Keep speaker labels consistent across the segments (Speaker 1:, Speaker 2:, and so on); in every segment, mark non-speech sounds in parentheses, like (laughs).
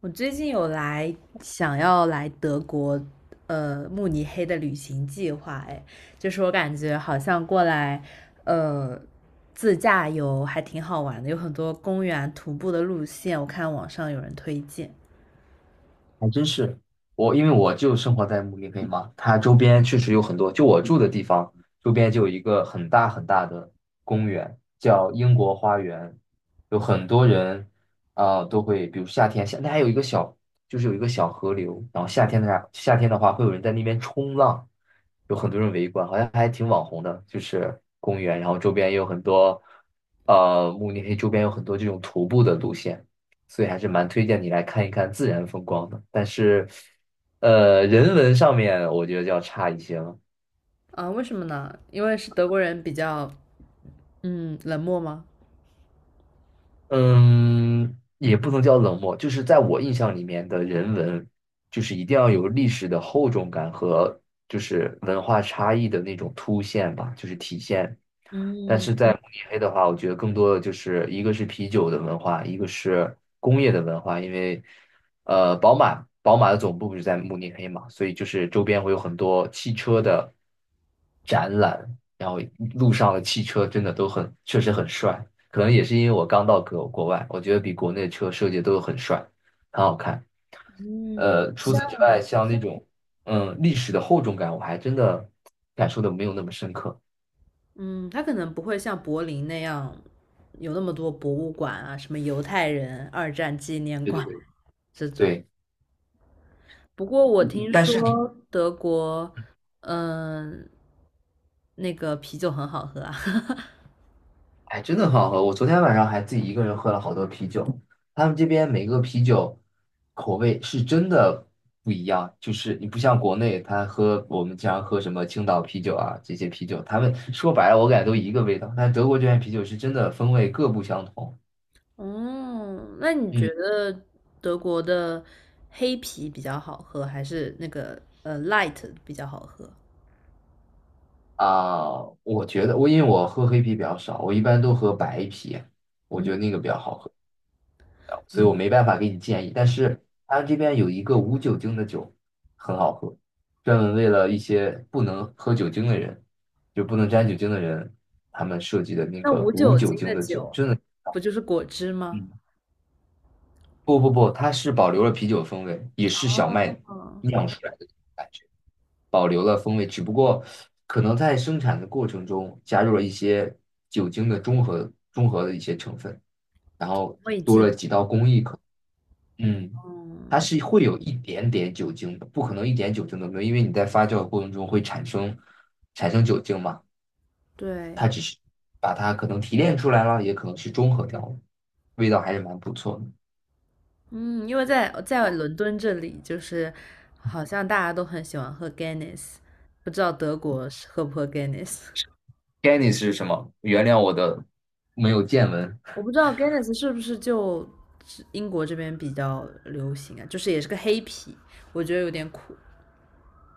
Speaker 1: 我最近有来想要来德国，慕尼黑的旅行计划，哎，就是我感觉好像过来，呃，自驾游还挺好玩的，有很多公园徒步的路线，我看网上有人推荐。
Speaker 2: 还真是，我因为我就生活在慕尼黑嘛，它周边确实有很多，就我住的地方周边就有一个很大很大的公园，叫英国花园，有很多人啊、都会，比如夏天，夏那还有一个小，就是有一个小河流，然后夏天的话会有人在那边冲浪，有很多人围观，好像还挺网红的，就是公园，然后周边也有很多，慕尼黑周边有很多这种徒步的路线。所以还是蛮推荐你来看一看自然风光的。但是，人文上面我觉得就要差一些了。
Speaker 1: 啊，为什么呢？因为是德国人比较，嗯，冷漠吗？
Speaker 2: 嗯，也不能叫冷漠，就是在我印象里面的人文，就是一定要有历史的厚重感和就是文化差异的那种凸显吧，就是体现。但是在慕尼黑的话，我觉得更多的就是一个是啤酒的文化，一个是工业的文化，因为宝马的总部不是在慕尼黑嘛，所以就是周边会有很多汽车的展览，然后路上的汽车真的都很，确实很帅。可能也是因为我刚到国外，我觉得比国内车设计都很帅，很好看。
Speaker 1: 嗯，
Speaker 2: 除
Speaker 1: 像
Speaker 2: 此之外，像那种嗯历史的厚重感，我还真的感受的没有那么深刻。
Speaker 1: 嗯，他可能不会像柏林那样有那么多博物馆啊，什么犹太人二战纪念
Speaker 2: 对对
Speaker 1: 馆啊
Speaker 2: 对
Speaker 1: 这种。
Speaker 2: 对，
Speaker 1: 不过我听
Speaker 2: 但是你
Speaker 1: 说德国，嗯、那个啤酒很好喝啊。(laughs)
Speaker 2: 哎，真的很好喝。我昨天晚上还自己一个人喝了好多啤酒，他们这边每个啤酒口味是真的不一样，就是你不像国内，他喝我们经常喝什么青岛啤酒啊这些啤酒，他们说白了我感觉都一个味道，但德国这边啤酒是真的风味各不相同。
Speaker 1: 哦，那你觉
Speaker 2: 嗯
Speaker 1: 得德国的黑啤比较好喝，还是那个light 比较好喝？
Speaker 2: 啊、我觉得因为我喝黑啤比较少，我一般都喝白啤，我觉
Speaker 1: 嗯。
Speaker 2: 得那个比较好喝的，所以我
Speaker 1: 嗯，
Speaker 2: 没办法给你建议。但是他这边有一个无酒精的酒，很好喝，专门为了一些不能喝酒精的人，就不能沾酒精的人，他们设计的那
Speaker 1: 那
Speaker 2: 个
Speaker 1: 无
Speaker 2: 无
Speaker 1: 酒
Speaker 2: 酒
Speaker 1: 精的
Speaker 2: 精的酒，
Speaker 1: 酒
Speaker 2: 真的
Speaker 1: 不就是果汁吗？
Speaker 2: 嗯，不不不，它是保留了啤酒的风味，也是小麦
Speaker 1: 哦，
Speaker 2: 酿出来的感觉。保留了风味，只不过可能在生产的过程中加入了一些酒精的中和的一些成分，然后
Speaker 1: 味精。
Speaker 2: 嗯，它
Speaker 1: 嗯，
Speaker 2: 是会有一点点酒精的，不可能一点酒精都没有，因为你在发酵的过程中会产生酒精嘛，它
Speaker 1: 对。
Speaker 2: 只是把它可能提炼出来了，也可能是中和掉了，味道还是蛮不错的。
Speaker 1: 嗯，因为在伦敦这里，就是好像大家都很喜欢喝 Guinness，不知道德国是喝不喝 Guinness？
Speaker 2: GANNS 是什么？原谅我的没有见闻
Speaker 1: 我不知道 Guinness 是不是就是英国这边比较流行啊？就是也是个黑啤，我觉得有点苦，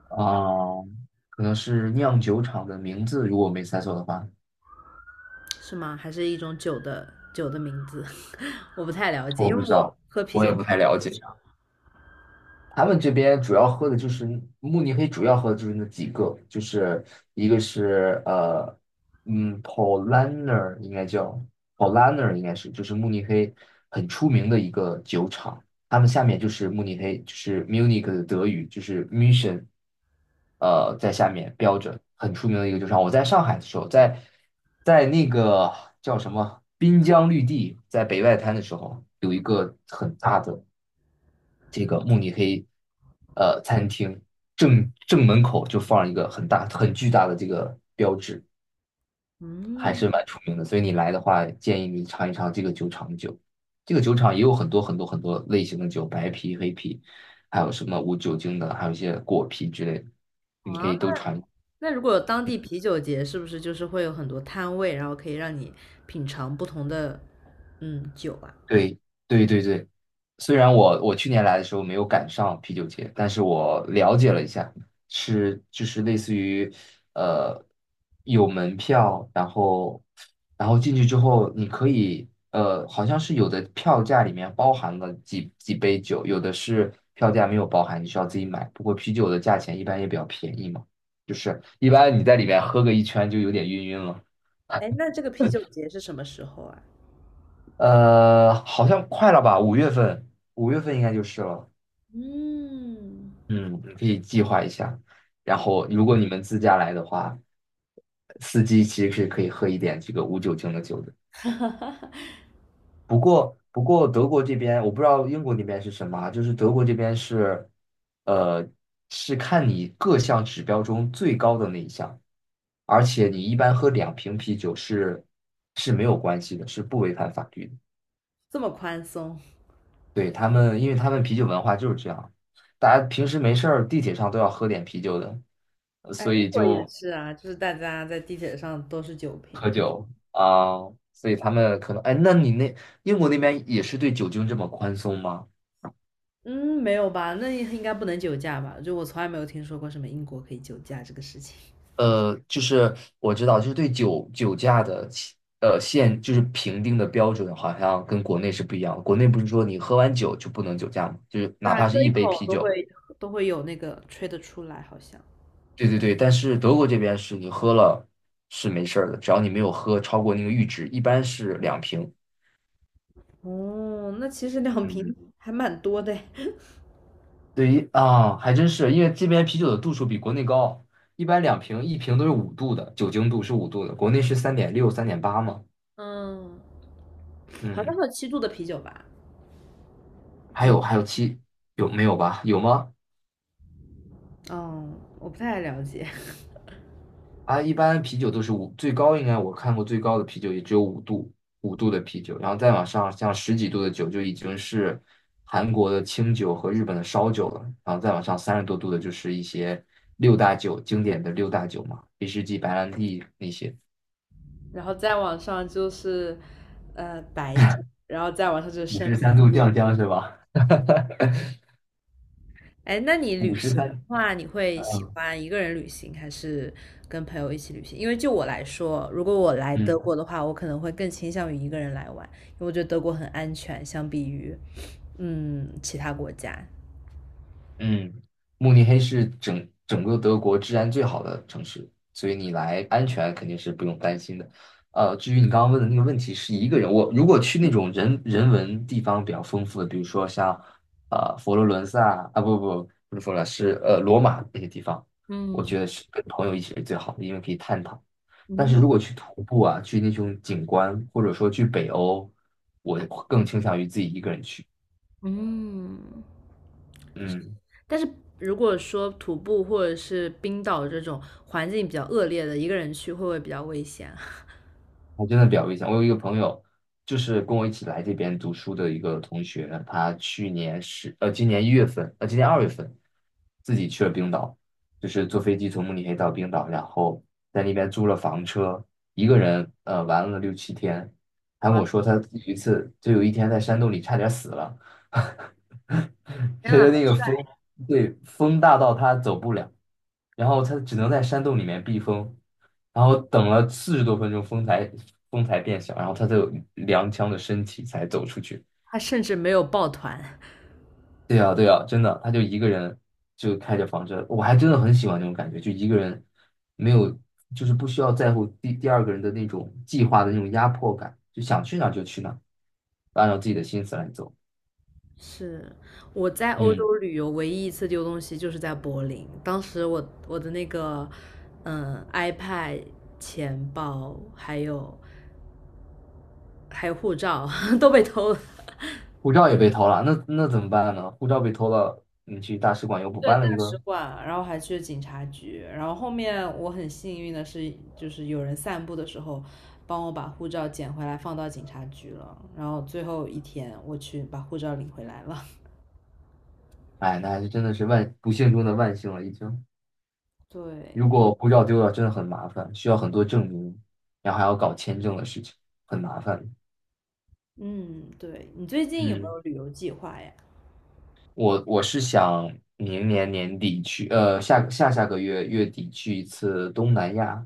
Speaker 2: 啊，可能是酿酒厂的名字，如果我没猜错的话。
Speaker 1: 是吗？还是一种酒的名字？(laughs) 我不太了解，
Speaker 2: 我
Speaker 1: 因为
Speaker 2: 不知
Speaker 1: 我
Speaker 2: 道，
Speaker 1: 喝啤
Speaker 2: 我
Speaker 1: 酒
Speaker 2: 也
Speaker 1: 喝
Speaker 2: 不
Speaker 1: 的
Speaker 2: 太
Speaker 1: 比
Speaker 2: 了解。
Speaker 1: 较少。
Speaker 2: 他们这边主要喝的就是慕尼黑，主要喝的就是那几个，就是一个是嗯，Paulaner 应该叫 Paulaner 应该是就是慕尼黑很出名的一个酒厂，他们下面就是慕尼黑，就是 Munich 的德语就是 Mission,在下面标着很出名的一个酒厂。我在上海的时候，在那个叫什么滨江绿地，在北外滩的时候，有一个很大的。这个慕尼黑餐厅正门口就放一个很大很巨大的这个，还
Speaker 1: 嗯，
Speaker 2: 是蛮出名的。所以你来的话，建议你尝一尝这个酒厂的酒。这个酒厂也有很多类型的酒，白啤、黑啤，还有什么无酒精的，还有一些果啤之类的，
Speaker 1: 好
Speaker 2: 你
Speaker 1: 啊，
Speaker 2: 可以都尝。
Speaker 1: 那如果有当地啤酒节，是不是就是会有很多摊位，然后可以让你品尝不同的嗯酒啊？
Speaker 2: 对对对对，虽然我去年来的时候没有赶上啤酒节，但是我了解了一下，是就是类似于呃有门票，然后然后进去之后你可以好像是有的票价里面包含了几杯酒，有的是票价没有包含，你需要自己买。不过啤酒的价钱一般也比较便宜嘛，就是一般你在里面喝个一圈就有点晕晕了。
Speaker 1: 哎，
Speaker 2: (laughs)
Speaker 1: 那这个啤酒节是什么时候啊？
Speaker 2: 好像快了吧？五月份，五月份应该就是了。
Speaker 1: 嗯。
Speaker 2: 嗯，你可以计划一下。然后，如果你们自驾来的话，司机其实是可以喝一点这个无酒精的酒的。
Speaker 1: (laughs)
Speaker 2: 不过,德国这边我不知道英国那边是什么啊，就是德国这边是，呃，是看你各项指标中最高的那一项，而且你一般喝两瓶啤酒是没有关系的，是不违反法律的。
Speaker 1: 这么宽松？
Speaker 2: 对，他们，因为他们啤酒文化就是这样，大家平时没事儿地铁上都要喝点啤酒的，
Speaker 1: 哎，
Speaker 2: 所
Speaker 1: 英
Speaker 2: 以
Speaker 1: 国也
Speaker 2: 就
Speaker 1: 是啊，就是大家在地铁上都是酒
Speaker 2: 喝
Speaker 1: 瓶。
Speaker 2: 酒啊，所以他们可能，哎，那你英国那边也是对酒精这么宽松吗？
Speaker 1: 嗯，没有吧？那应该不能酒驾吧？就我从来没有听说过什么英国可以酒驾这个事情。
Speaker 2: 就是我知道，就是对酒驾的起限，就是评定的标准好像跟国内是不一样的。国内不是说你喝完酒就不能酒驾吗？就是
Speaker 1: 对
Speaker 2: 哪
Speaker 1: 啊，
Speaker 2: 怕是
Speaker 1: 喝一
Speaker 2: 一杯
Speaker 1: 口
Speaker 2: 啤
Speaker 1: 都
Speaker 2: 酒，
Speaker 1: 会有那个吹得出来，好像。
Speaker 2: 对对对，但是德国这边是你喝了是没事儿的，只要你没有喝超过那个阈值，一般是两瓶。
Speaker 1: 哦，那其实两瓶
Speaker 2: 嗯，
Speaker 1: 还蛮多的诶。
Speaker 2: 对于啊，还真是，因为这边啤酒的度数比国内高，一般两瓶，一瓶都是五度的，酒精度是五度的，国内是三点六、三点八嘛。
Speaker 1: (laughs) 嗯，好像
Speaker 2: 嗯，
Speaker 1: 还有七度的啤酒吧？
Speaker 2: 还
Speaker 1: 有。
Speaker 2: 有还有七，有没有吧？有吗？
Speaker 1: 嗯，我不太了解。(laughs)
Speaker 2: 啊，一般啤酒都是五，最高应该我看过最高的啤酒也只有五度，五度的啤酒，然后再往上像十几度的酒就已经是韩国的清酒和日本的烧酒了，然后再往上三十多度的就是一些六大酒，经典的六大酒嘛，威士忌、白兰地那些，
Speaker 1: 然后再往上就是白酒，然后再往上就是
Speaker 2: 五
Speaker 1: 生
Speaker 2: 十
Speaker 1: 米。
Speaker 2: 三度酱香是吧？
Speaker 1: 哎，那你
Speaker 2: 五
Speaker 1: 旅
Speaker 2: 十
Speaker 1: 行的
Speaker 2: 三，
Speaker 1: 话，你会喜欢一个人旅行，还是跟朋友一起旅行？因为就我来说，如果我来德
Speaker 2: 嗯
Speaker 1: 国的话，我可能会更倾向于一个人来玩，因为我觉得德国很安全，相比于嗯其他国家。
Speaker 2: 嗯，慕尼黑是整整个德国治安最好的城市，所以你来安全肯定是不用担心的。至于你刚刚问的那个问题，是一个人，我如果去那种人文地方比较丰富的，比如说像佛罗伦萨啊，不是佛罗伦萨，是罗马那些地方，我
Speaker 1: 嗯。
Speaker 2: 觉得是跟朋友一起是最好的，因为可以探讨。但
Speaker 1: 嗯。
Speaker 2: 是如果去徒步啊，去那种景观，或者说去北欧，我更倾向于自己一个人去。
Speaker 1: 嗯，
Speaker 2: 嗯。
Speaker 1: 但是如果说徒步或者是冰岛这种环境比较恶劣的，一个人去会不会比较危险啊？(laughs)
Speaker 2: 还真的表一下，我有一个朋友，就是跟我一起来这边读书的一个同学，他去年是今年一月份，今年二月份自己去了冰岛，就是坐飞机从慕尼黑到冰岛，然后在那边租了房车，一个人玩了六七天，还跟
Speaker 1: 哇，
Speaker 2: 我说他有一次就有一天在山洞里差点死了，(laughs)
Speaker 1: 天
Speaker 2: 觉
Speaker 1: 呐，
Speaker 2: 得那个风对风大到他走不了，然后他只能在山洞里面避风，然后等了四十多分钟，风才变小，然后他才有踉跄的身体才走出去。
Speaker 1: 他甚至没有抱团。
Speaker 2: 对呀，对呀，真的，他就一个人就开着房车，我还真的很喜欢这种感觉，就一个人没有，就是不需要在乎第二个人的那种计划的那种压迫感，就想去哪儿就去哪儿按照自己的心思来走。
Speaker 1: 是。我在欧
Speaker 2: 嗯，
Speaker 1: 洲旅游唯一一次丢东西就是在柏林，当时我的那个嗯 iPad、 钱包还有护照 (laughs) 都被偷了。
Speaker 2: 护照也被偷了，那怎么办呢？护照被偷了，你去大使馆又补
Speaker 1: 对，
Speaker 2: 办
Speaker 1: 大
Speaker 2: 了一
Speaker 1: 使
Speaker 2: 个，
Speaker 1: 馆，然后还去警察局，然后后面我很幸运的是，就是有人散步的时候帮我把护照捡回来放到警察局了，然后最后一天我去把护照领回来了。
Speaker 2: 哎，那还是真的是万不幸中的万幸了，已经。
Speaker 1: (laughs)
Speaker 2: 如
Speaker 1: 对。
Speaker 2: 果护照丢了，真的很麻烦，需要很多证明，然后还要搞签证的事情，很麻烦。
Speaker 1: 嗯，对，你最近有没
Speaker 2: 嗯，
Speaker 1: 有旅游计划呀？
Speaker 2: 我是想明年年底去，下个月月底去一次东南亚，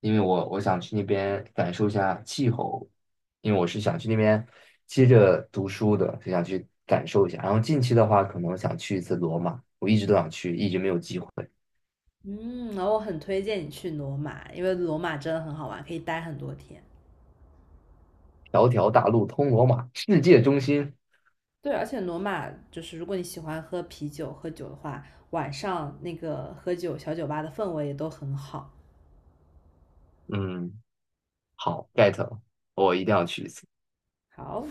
Speaker 2: 因为我想去那边感受一下气候，因为我是想去那边接着读书的，就想去感受一下。然后近期的话，可能想去一次罗马，我一直都想去，一直没有机会。
Speaker 1: 嗯，然后我很推荐你去罗马，因为罗马真的很好玩，可以待很多天。
Speaker 2: 条条大路通罗马，世界中心。
Speaker 1: 对，而且罗马就是如果你喜欢喝啤酒、喝酒的话，晚上那个喝酒小酒吧的氛围也都很好。
Speaker 2: 嗯。好，get 了，我一定要去一次。
Speaker 1: 好。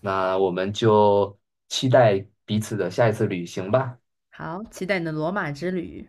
Speaker 2: 那我们就期待彼此的下一次旅行吧。
Speaker 1: 好，期待你的罗马之旅。